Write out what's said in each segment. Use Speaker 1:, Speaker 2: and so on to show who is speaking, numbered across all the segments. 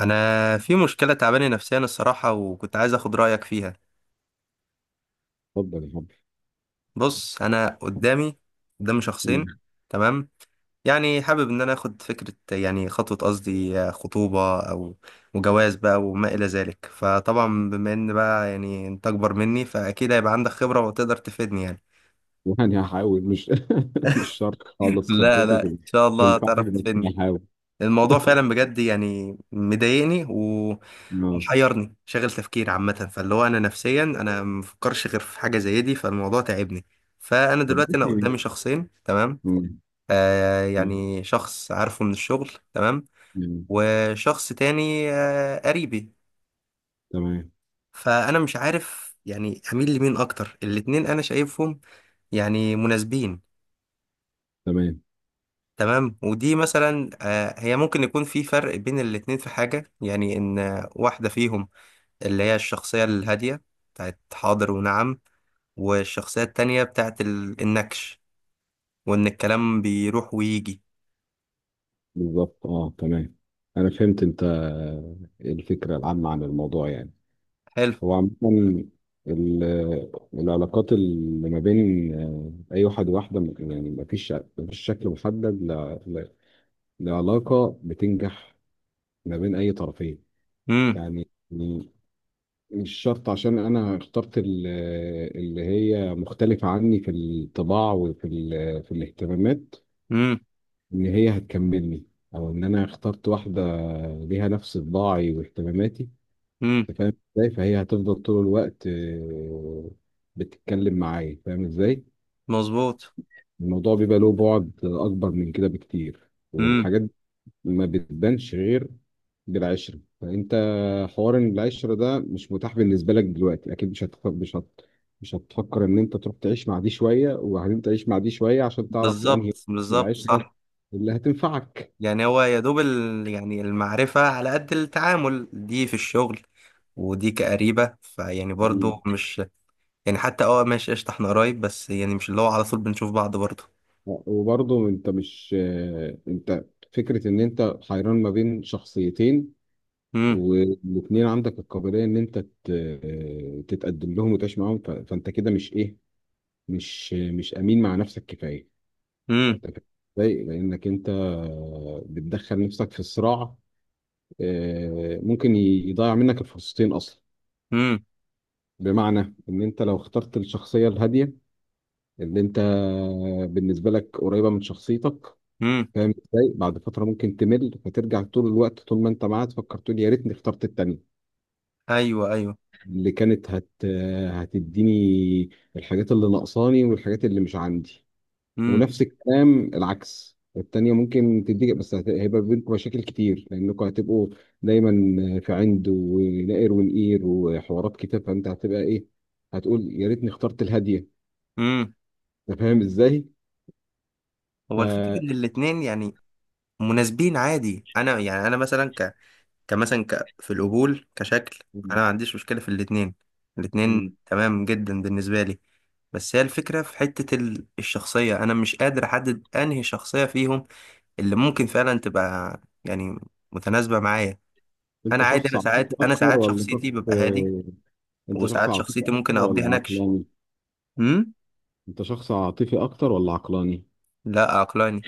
Speaker 1: انا في مشكله تعباني نفسيا الصراحه، وكنت عايز اخد رايك فيها.
Speaker 2: اتفضل يا حبيبي.
Speaker 1: بص، انا قدامي شخصين.
Speaker 2: مم.
Speaker 1: تمام. يعني حابب ان انا اخد فكره، يعني خطوه قصدي خطوبه او وجواز بقى وما الى ذلك. فطبعا بما ان بقى يعني انت اكبر مني، فاكيد هيبقى عندك خبره وتقدر تفيدني يعني.
Speaker 2: يعني هحاول، مش مش شرط خالص
Speaker 1: لا
Speaker 2: خبرتي
Speaker 1: لا، ان شاء الله
Speaker 2: تنفعني،
Speaker 1: تعرف
Speaker 2: بس
Speaker 1: تفيدني.
Speaker 2: هحاول.
Speaker 1: الموضوع فعلا بجد يعني مضايقني
Speaker 2: اه
Speaker 1: ومحيرني، شاغل تفكير عامة. فاللي هو أنا نفسيا أنا مفكرش غير في حاجة زي دي، فالموضوع تعبني. فأنا
Speaker 2: طب
Speaker 1: دلوقتي أنا
Speaker 2: إيه؟
Speaker 1: قدامي شخصين. تمام.
Speaker 2: مم.
Speaker 1: آه، يعني شخص عارفه من الشغل. تمام.
Speaker 2: مم.
Speaker 1: وشخص تاني آه، قريبي.
Speaker 2: تمام
Speaker 1: فأنا مش عارف يعني أميل لمين أكتر. الاتنين أنا شايفهم يعني مناسبين.
Speaker 2: تمام.
Speaker 1: تمام ودي مثلا آه، هي ممكن يكون في فرق بين الاتنين في حاجة، يعني إن واحدة فيهم اللي هي الشخصية الهادية بتاعت حاضر ونعم، والشخصية التانية بتاعت النكش، وإن الكلام بيروح ويجي.
Speaker 2: بالظبط اه تمام، انا فهمت انت الفكره العامه عن الموضوع يعني.
Speaker 1: حلو.
Speaker 2: هو عامه العلاقات اللي ما بين اي واحد وواحده، يعني ما فيش شكل محدد لعلاقه بتنجح ما بين اي طرفين.
Speaker 1: امم.
Speaker 2: يعني يعني مش شرط عشان انا اخترت اللي هي مختلفة عني في الطباع وفي في الاهتمامات
Speaker 1: امم.
Speaker 2: ان هي هتكملني، او ان انا اخترت واحدة ليها نفس طباعي واهتماماتي.
Speaker 1: امم.
Speaker 2: انت فاهم ازاي؟ فهي هتفضل طول الوقت بتتكلم معايا، فاهم ازاي؟
Speaker 1: مظبوط.
Speaker 2: الموضوع بيبقى له بعد اكبر من كده بكتير،
Speaker 1: امم.
Speaker 2: والحاجات ما بتبانش غير بالعشرة. فأنت حوار إن العشرة ده مش متاح بالنسبة لك دلوقتي، أكيد مش هتفكر، مش هتفكر إن أنت تروح تعيش مع دي شوية وبعدين تعيش مع دي شوية عشان تعرف أنهي
Speaker 1: بالظبط، بالظبط،
Speaker 2: العشرة
Speaker 1: صح.
Speaker 2: اللي هتنفعك.
Speaker 1: يعني هو يا دوب يعني المعرفة على قد التعامل، دي في الشغل ودي كقريبة. فيعني
Speaker 2: مم.
Speaker 1: برضو مش يعني حتى اه، ماشي قشطة، احنا قرايب بس يعني مش اللي هو على طول بنشوف بعض برضو.
Speaker 2: وبرضه أنت مش أنت فكرة إن أنت حيران ما بين شخصيتين،
Speaker 1: امم.
Speaker 2: والاتنين عندك القابلية إن أنت ت... آه، تتقدم لهم وتعيش معاهم، ف... فأنت كده مش إيه، مش أمين مع نفسك كفاية.
Speaker 1: امم.
Speaker 2: ضايق لانك انت بتدخل نفسك في صراع، ممكن يضيع منك الفرصتين اصلا.
Speaker 1: امم.
Speaker 2: بمعنى ان انت لو اخترت الشخصيه الهاديه اللي انت بالنسبه لك قريبه من شخصيتك،
Speaker 1: امم.
Speaker 2: فاهم ازاي؟ بعد فتره ممكن تمل، فترجع طول الوقت طول ما انت معاها تفكر، تقول يا ريتني اخترت التانيه
Speaker 1: ايوه، ايوه.
Speaker 2: اللي كانت هتديني الحاجات اللي ناقصاني والحاجات اللي مش عندي. ونفس الكلام العكس، التانية ممكن تديك بس هيبقى بينكم مشاكل كتير لأنكم هتبقوا دايما في عند ونقر ونقير وحوارات كتير، فأنت هتبقى إيه، هتقول يا ريتني اخترت الهادية.
Speaker 1: امم.
Speaker 2: أنت فاهم إزاي؟
Speaker 1: هو الفكرة ان
Speaker 2: ف
Speaker 1: الاتنين يعني مناسبين عادي. انا يعني انا مثلا كمثلا في القبول كشكل، انا
Speaker 2: مم.
Speaker 1: ما عنديش مشكلة في الاتنين. الاتنين
Speaker 2: مم.
Speaker 1: تمام جدا بالنسبة لي. بس هي الفكرة في حتة الشخصية، انا مش قادر احدد انهي شخصية فيهم اللي ممكن فعلا تبقى يعني متناسبة معايا. انا
Speaker 2: أنت
Speaker 1: عادي،
Speaker 2: شخص
Speaker 1: انا
Speaker 2: عاطفي
Speaker 1: ساعات
Speaker 2: أكتر ولا
Speaker 1: شخصيتي
Speaker 2: شخص
Speaker 1: ببقى هادي،
Speaker 2: أنت شخص
Speaker 1: وساعات
Speaker 2: عاطفي
Speaker 1: شخصيتي ممكن
Speaker 2: أكتر ولا
Speaker 1: اقضيها نكش.
Speaker 2: عقلاني؟
Speaker 1: امم.
Speaker 2: أنت شخص عاطفي أكتر ولا عقلاني؟
Speaker 1: لا عقلاني.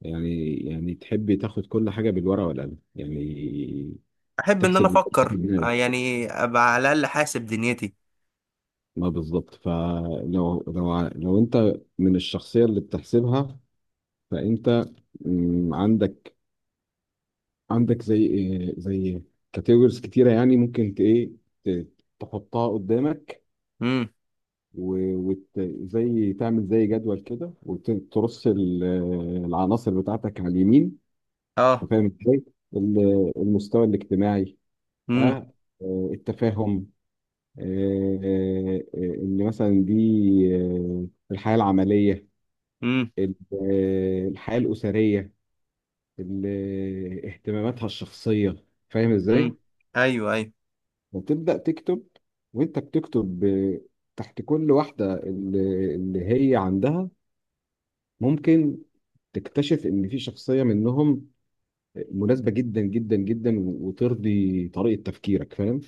Speaker 2: يعني يعني تحب تاخد كل حاجة بالورقة والقلم يعني.
Speaker 1: احب ان انا
Speaker 2: تحسب
Speaker 1: افكر آه، يعني ابقى على الاقل حاسب دنيتي.
Speaker 2: ما بالظبط، فلو لو ع- لو انت من الشخصيه اللي بتحسبها، فانت عندك، عندك زي زي كاتيجوريز كتيره يعني، ممكن ت- تحطها قدامك، وزي تعمل زي جدول كده وترص العناصر بتاعتك على اليمين.
Speaker 1: اه.
Speaker 2: أنت فاهم ازاي؟ المستوى الاجتماعي،
Speaker 1: امم.
Speaker 2: آه، التفاهم، ان مثلا دي آه، الحياه العمليه،
Speaker 1: امم.
Speaker 2: ال- الحياة الأسرية، اهتماماتها الشخصية، فاهم
Speaker 1: امم.
Speaker 2: ازاي؟
Speaker 1: ايوه، ايوه.
Speaker 2: وتبدأ تكتب، وانت بتكتب تحت كل واحدة اللي هي عندها. ممكن تكتشف ان في شخصية منهم مناسبة جدا جدا جدا وترضي طريقة تفكيرك، فاهم؟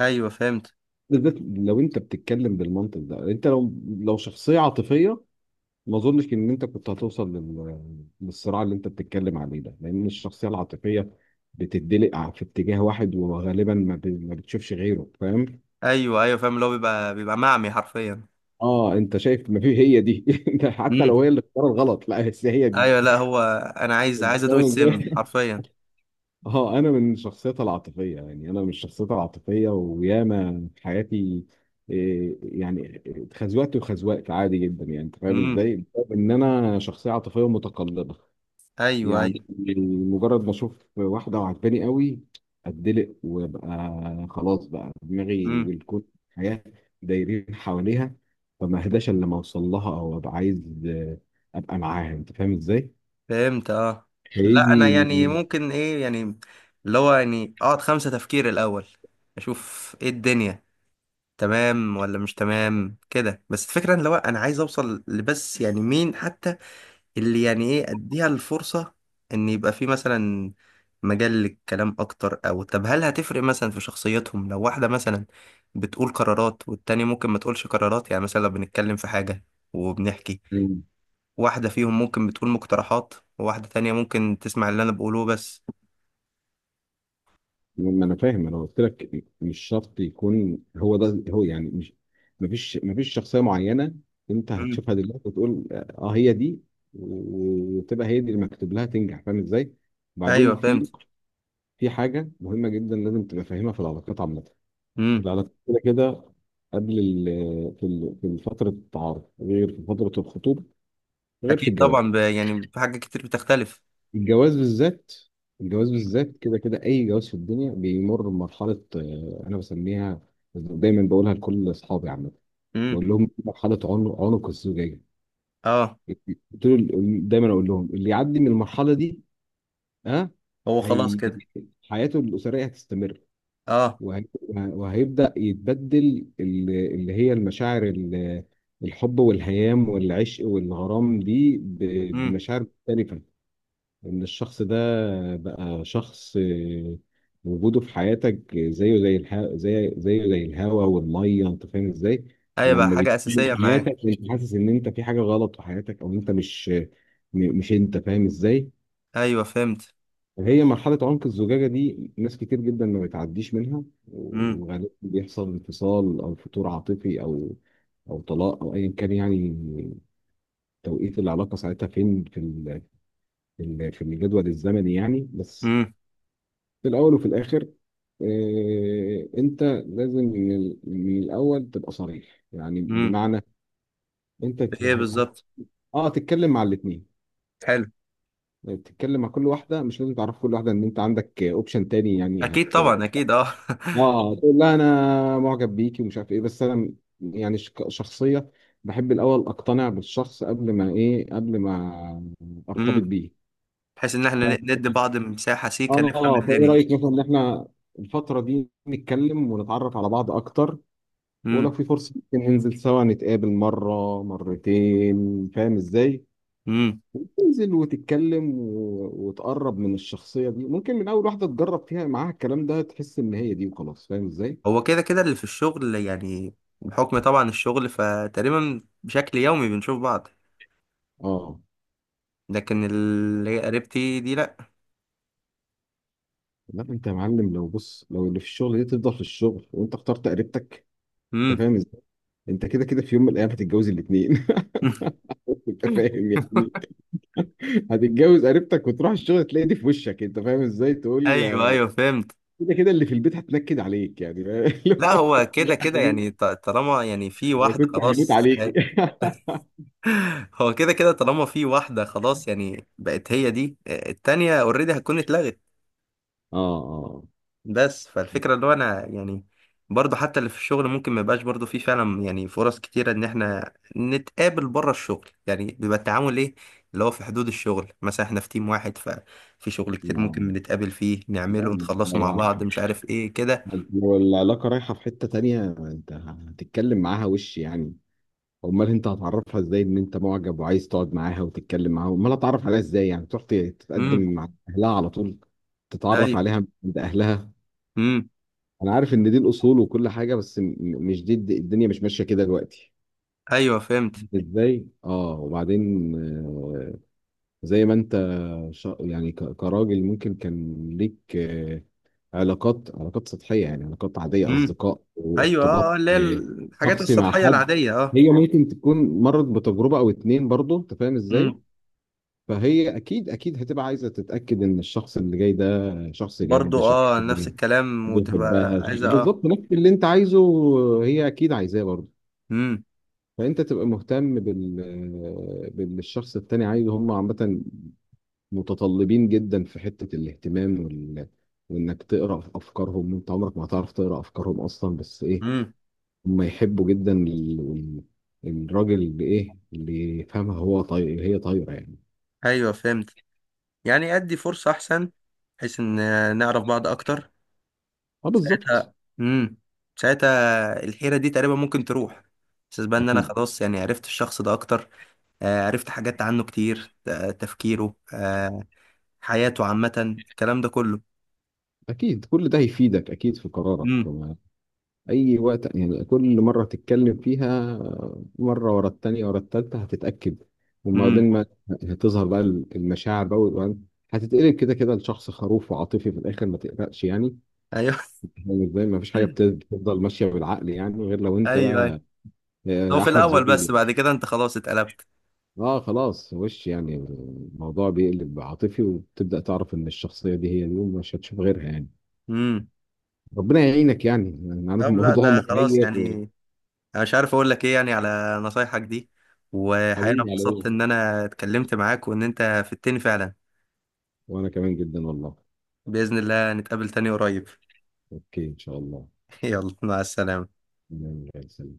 Speaker 1: ايوه فهمت.
Speaker 2: بالذات لو انت بتتكلم بالمنطق ده. انت لو شخصية عاطفية، ما اظنش ان انت كنت هتوصل للصراع اللي انت بتتكلم عليه ده، لان الشخصيه العاطفيه بتدلق في اتجاه واحد وغالبا ما, ما بتشوفش غيره، فاهم؟
Speaker 1: ايوه، ايوه، فاهم، اللي هو بيبقى معمي حرفيا.
Speaker 2: اه انت شايف؟ ما في، هي دي. ده حتى
Speaker 1: امم.
Speaker 2: لو هي اللي اختارت غلط، لا بس هي دي.
Speaker 1: ايوه. لا هو انا عايز
Speaker 2: أنت
Speaker 1: عايز ادوق
Speaker 2: فاهم
Speaker 1: السم
Speaker 2: إزاي؟
Speaker 1: حرفيا.
Speaker 2: اه انا من الشخصيات العاطفيه، وياما في حياتي يعني اتخزوقت وخزوقت عادي جدا، يعني انت فاهم
Speaker 1: امم.
Speaker 2: ازاي؟ بسبب ان انا شخصيه عاطفيه متقلبه.
Speaker 1: ايوه، ايوه.
Speaker 2: يعني مجرد ما اشوف واحده وعجباني قوي، اتدلق وابقى خلاص، بقى دماغي
Speaker 1: امم.
Speaker 2: والكون الحياه دايرين حواليها، فما اهداش الا لما اوصل لها او ابقى عايز ابقى معاها، انت فاهم ازاي؟
Speaker 1: فهمت اه. لا انا
Speaker 2: هيجي.
Speaker 1: يعني ممكن ايه يعني، اللي هو يعني اقعد خمسة تفكير الاول، اشوف ايه الدنيا، تمام ولا مش تمام كده. بس الفكرة ان لو انا عايز اوصل لبس يعني مين حتى اللي يعني ايه اديها الفرصة ان يبقى في مثلا مجال للكلام اكتر. او طب هل هتفرق مثلا في شخصيتهم لو واحدة مثلا بتقول قرارات والتانية ممكن ما تقولش قرارات؟ يعني مثلا لو بنتكلم في حاجة وبنحكي،
Speaker 2: مم.
Speaker 1: واحدة فيهم ممكن بتقول مقترحات وواحدة تانية ممكن تسمع اللي انا بقوله بس.
Speaker 2: ما انا فاهم، انا قلت لك مش شرط يكون هو ده هو، يعني مش مفيش شخصيه معينه انت
Speaker 1: مم.
Speaker 2: هتشوفها دلوقتي وتقول اه هي دي، وتبقى هي دي اللي مكتوب لها تنجح. فاهم ازاي؟ بعدين
Speaker 1: ايوه
Speaker 2: في
Speaker 1: فهمت.
Speaker 2: في حاجة مهمة جدا لازم تبقى فاهمها في العلاقات عامة.
Speaker 1: مم.
Speaker 2: العلاقات كده كده، قبل في فترة التعارف غير في فترة الخطوبة غير في
Speaker 1: اكيد
Speaker 2: الجواز.
Speaker 1: طبعا، يعني في حاجات كتير بتختلف.
Speaker 2: الجواز بالذات، الجواز بالذات كده كده، أي جواز في الدنيا بيمر بمرحلة أنا بسميها دايما، بقولها لكل أصحابي عامة،
Speaker 1: امم.
Speaker 2: بقول لهم مرحلة عنق الزجاجة.
Speaker 1: اه.
Speaker 2: قلت له دايما أقول لهم اللي يعدي من المرحلة دي، ها،
Speaker 1: هو خلاص
Speaker 2: هي
Speaker 1: كده.
Speaker 2: حياته الأسرية هتستمر.
Speaker 1: اه.
Speaker 2: وهيبدأ يتبدل اللي هي المشاعر الحب والهيام والعشق والغرام دي
Speaker 1: امم.
Speaker 2: بمشاعر مختلفة. إن الشخص ده بقى شخص وجوده في حياتك زيه زي الهواء والمية. أنت فاهم إزاي؟
Speaker 1: ايوه بقى
Speaker 2: لما
Speaker 1: حاجة
Speaker 2: بتيجي في
Speaker 1: اساسية معاك.
Speaker 2: حياتك أنت حاسس إن أنت في حاجة غلط في حياتك، أو أنت مش مش، أنت فاهم إزاي؟
Speaker 1: ايوه فهمت.
Speaker 2: هي مرحلة عنق الزجاجة دي ناس كتير جدا ما بتعديش منها،
Speaker 1: مم.
Speaker 2: وغالبا بيحصل انفصال أو فتور عاطفي أو أو طلاق أو أيا كان، يعني توقيت العلاقة ساعتها فين في في الجدول الزمني، يعني بس
Speaker 1: امم.
Speaker 2: في الأول وفي الآخر أنت لازم من من الأول تبقى صريح. يعني
Speaker 1: امم.
Speaker 2: بمعنى أنت
Speaker 1: ايه بالظبط.
Speaker 2: آه تتكلم مع الاتنين.
Speaker 1: حلو.
Speaker 2: يعني تتكلم مع كل واحدة، مش لازم تعرف كل واحدة إن أنت عندك أوبشن تاني يعني.
Speaker 1: اكيد طبعا، اكيد اه.
Speaker 2: اه تقول لها انا معجب بيكي ومش عارف ايه، بس انا يعني شخصيه بحب الاول اقتنع بالشخص قبل ما ايه، قبل ما ارتبط
Speaker 1: امم.
Speaker 2: بيه.
Speaker 1: بحيث ان
Speaker 2: ف...
Speaker 1: احنا ندي بعض مساحه سيكه نفهم
Speaker 2: اه فايه
Speaker 1: الدنيا.
Speaker 2: رايك مثلا ان احنا الفتره دي نتكلم ونتعرف على بعض اكتر، ولو
Speaker 1: امم.
Speaker 2: في فرصه ممكن ننزل سوا نتقابل مره مرتين، فاهم ازاي؟
Speaker 1: امم.
Speaker 2: تنزل وتتكلم و... وتقرب من الشخصيه دي. ممكن من اول واحده تجرب فيها معاها الكلام ده تحس ان هي دي وخلاص، فاهم ازاي؟
Speaker 1: هو كده كده اللي في الشغل، يعني بحكم طبعا الشغل فتقريبا بشكل يومي بنشوف بعض.
Speaker 2: اه
Speaker 1: لكن اللي هي قريبتي دي لا.
Speaker 2: لا انت يا معلم، لو بص، لو اللي في الشغل دي تفضل في الشغل وانت اخترت قريبتك، انت
Speaker 1: امم.
Speaker 2: فاهم ازاي؟ انت كده كده في يوم من الايام هتتجوز الاثنين. انت فاهم يعني، هتتجوز قريبتك وتروح الشغل تلاقي دي في وشك، انت فاهم ازاي؟ تقول
Speaker 1: ايوه، ايوه فهمت.
Speaker 2: كده كده اللي في البيت هتنكد عليك يعني، فاهم؟
Speaker 1: لا هو
Speaker 2: اللي
Speaker 1: كده كده يعني طالما يعني في
Speaker 2: هو انا
Speaker 1: واحده
Speaker 2: كنت هموت
Speaker 1: خلاص.
Speaker 2: عليك.
Speaker 1: هو كده كده، طالما في واحدة خلاص يعني بقت هي دي، التانية اوريدي هتكون اتلغت.
Speaker 2: اه اه.
Speaker 1: بس فالفكرة اللي هو انا يعني برضو حتى اللي في الشغل ممكن ما يبقاش برضو في فعلا يعني فرص كتيرة ان احنا نتقابل بره الشغل، يعني بيبقى التعامل ايه، اللي هو في حدود الشغل. مثلا احنا في تيم واحد، ففي شغل كتير
Speaker 2: لا
Speaker 1: ممكن نتقابل فيه نعمله
Speaker 2: لا،
Speaker 1: ونخلصه مع
Speaker 2: لو
Speaker 1: بعض مش عارف ايه كده.
Speaker 2: العلاقة رايحة في حتة تانية انت هتتكلم معاها، وش يعني، امال انت هتعرفها ازاي ان انت معجب وعايز تقعد معاها وتتكلم معاها؟ امال هتعرف عليها ازاي؟ يعني تروح تتقدم
Speaker 1: امم.
Speaker 2: مع اهلها على طول، تتعرف
Speaker 1: ايوه.
Speaker 2: عليها عند اهلها.
Speaker 1: امم.
Speaker 2: انا عارف ان دي الاصول وكل حاجه، بس مش دي الدنيا مش ماشيه كده دلوقتي.
Speaker 1: ايوه فهمت.
Speaker 2: ازاي؟ اه وبعدين زي ما انت يعني كراجل ممكن كان ليك علاقات سطحيه، يعني علاقات عاديه
Speaker 1: امم.
Speaker 2: اصدقاء
Speaker 1: ايوه اه آه،
Speaker 2: وارتباط
Speaker 1: اللي هي
Speaker 2: آه،
Speaker 1: الحاجات
Speaker 2: شخصي مع
Speaker 1: السطحية
Speaker 2: حد.
Speaker 1: العادية اه.
Speaker 2: هي ممكن تكون مرت بتجربه او اتنين برضه، انت فاهم ازاي؟
Speaker 1: امم.
Speaker 2: فهي اكيد اكيد هتبقى عايزه تتاكد ان الشخص اللي جاي ده شخص جد،
Speaker 1: برضو
Speaker 2: شخص
Speaker 1: اه، نفس الكلام، وتبقى
Speaker 2: بيحبها،
Speaker 1: عايزة اه.
Speaker 2: بالظبط نفس اللي انت عايزه هي اكيد عايزاه برضه.
Speaker 1: امم.
Speaker 2: فانت تبقى مهتم باللي الشخص التاني عايزه. هم عامه متطلبين جدا في حته الاهتمام وانك تقرا في افكارهم. انت عمرك ما هتعرف تقرا افكارهم اصلا، بس ايه،
Speaker 1: امم.
Speaker 2: هم يحبوا جدا الراجل اللي ايه، اللي يفهمها هو طاير هي طايره يعني.
Speaker 1: ايوه فهمت. يعني ادي فرصة احسن بحيث ان نعرف بعض اكتر
Speaker 2: اه بالظبط.
Speaker 1: ساعتها. امم. ساعتها الحيرة دي تقريبا ممكن تروح، بس بقى ان انا
Speaker 2: اكيد
Speaker 1: خلاص يعني عرفت الشخص ده اكتر. آه عرفت حاجات عنه كتير، آه تفكيره، آه حياته عامة، الكلام ده كله.
Speaker 2: أكيد كل ده هيفيدك أكيد في قرارك.
Speaker 1: امم.
Speaker 2: أي وقت يعني، كل مرة تتكلم فيها، مرة ورا التانية ورا التالتة هتتأكد.
Speaker 1: امم.
Speaker 2: وبعدين ما هتظهر بقى المشاعر بقى، وبعدين هتتقلب كده كده لشخص خروف وعاطفي في الآخر، ما تقلقش يعني.
Speaker 1: ايوه.
Speaker 2: يعني زي ما فيش حاجة بتفضل ماشية بالعقل يعني، غير لو أنت
Speaker 1: ايوه، ايوه.
Speaker 2: بقى
Speaker 1: هو في
Speaker 2: أحمد
Speaker 1: الاول، بس
Speaker 2: زويل.
Speaker 1: بعد كده انت خلاص اتقلبت.
Speaker 2: أه خلاص وش يعني، الموضوع بيقلب عاطفي وتبدأ تعرف إن الشخصية دي هي دي ومش هتشوف غيرها يعني.
Speaker 1: امم.
Speaker 2: ربنا يعينك، يعني انا عارف
Speaker 1: طب لا،
Speaker 2: الموضوع
Speaker 1: ده خلاص
Speaker 2: محير.
Speaker 1: يعني، انا مش عارف اقول لك ايه يعني على نصايحك دي. وحقيقة انا
Speaker 2: حبيبي على ايه،
Speaker 1: اتبسطت ان انا اتكلمت معاك وان انت فدتني فعلا.
Speaker 2: وانا كمان جدا والله.
Speaker 1: بإذن الله نتقابل تاني قريب.
Speaker 2: اوكي ان شاء الله.
Speaker 1: يلا، مع السلامة.
Speaker 2: نعم، زي الفل.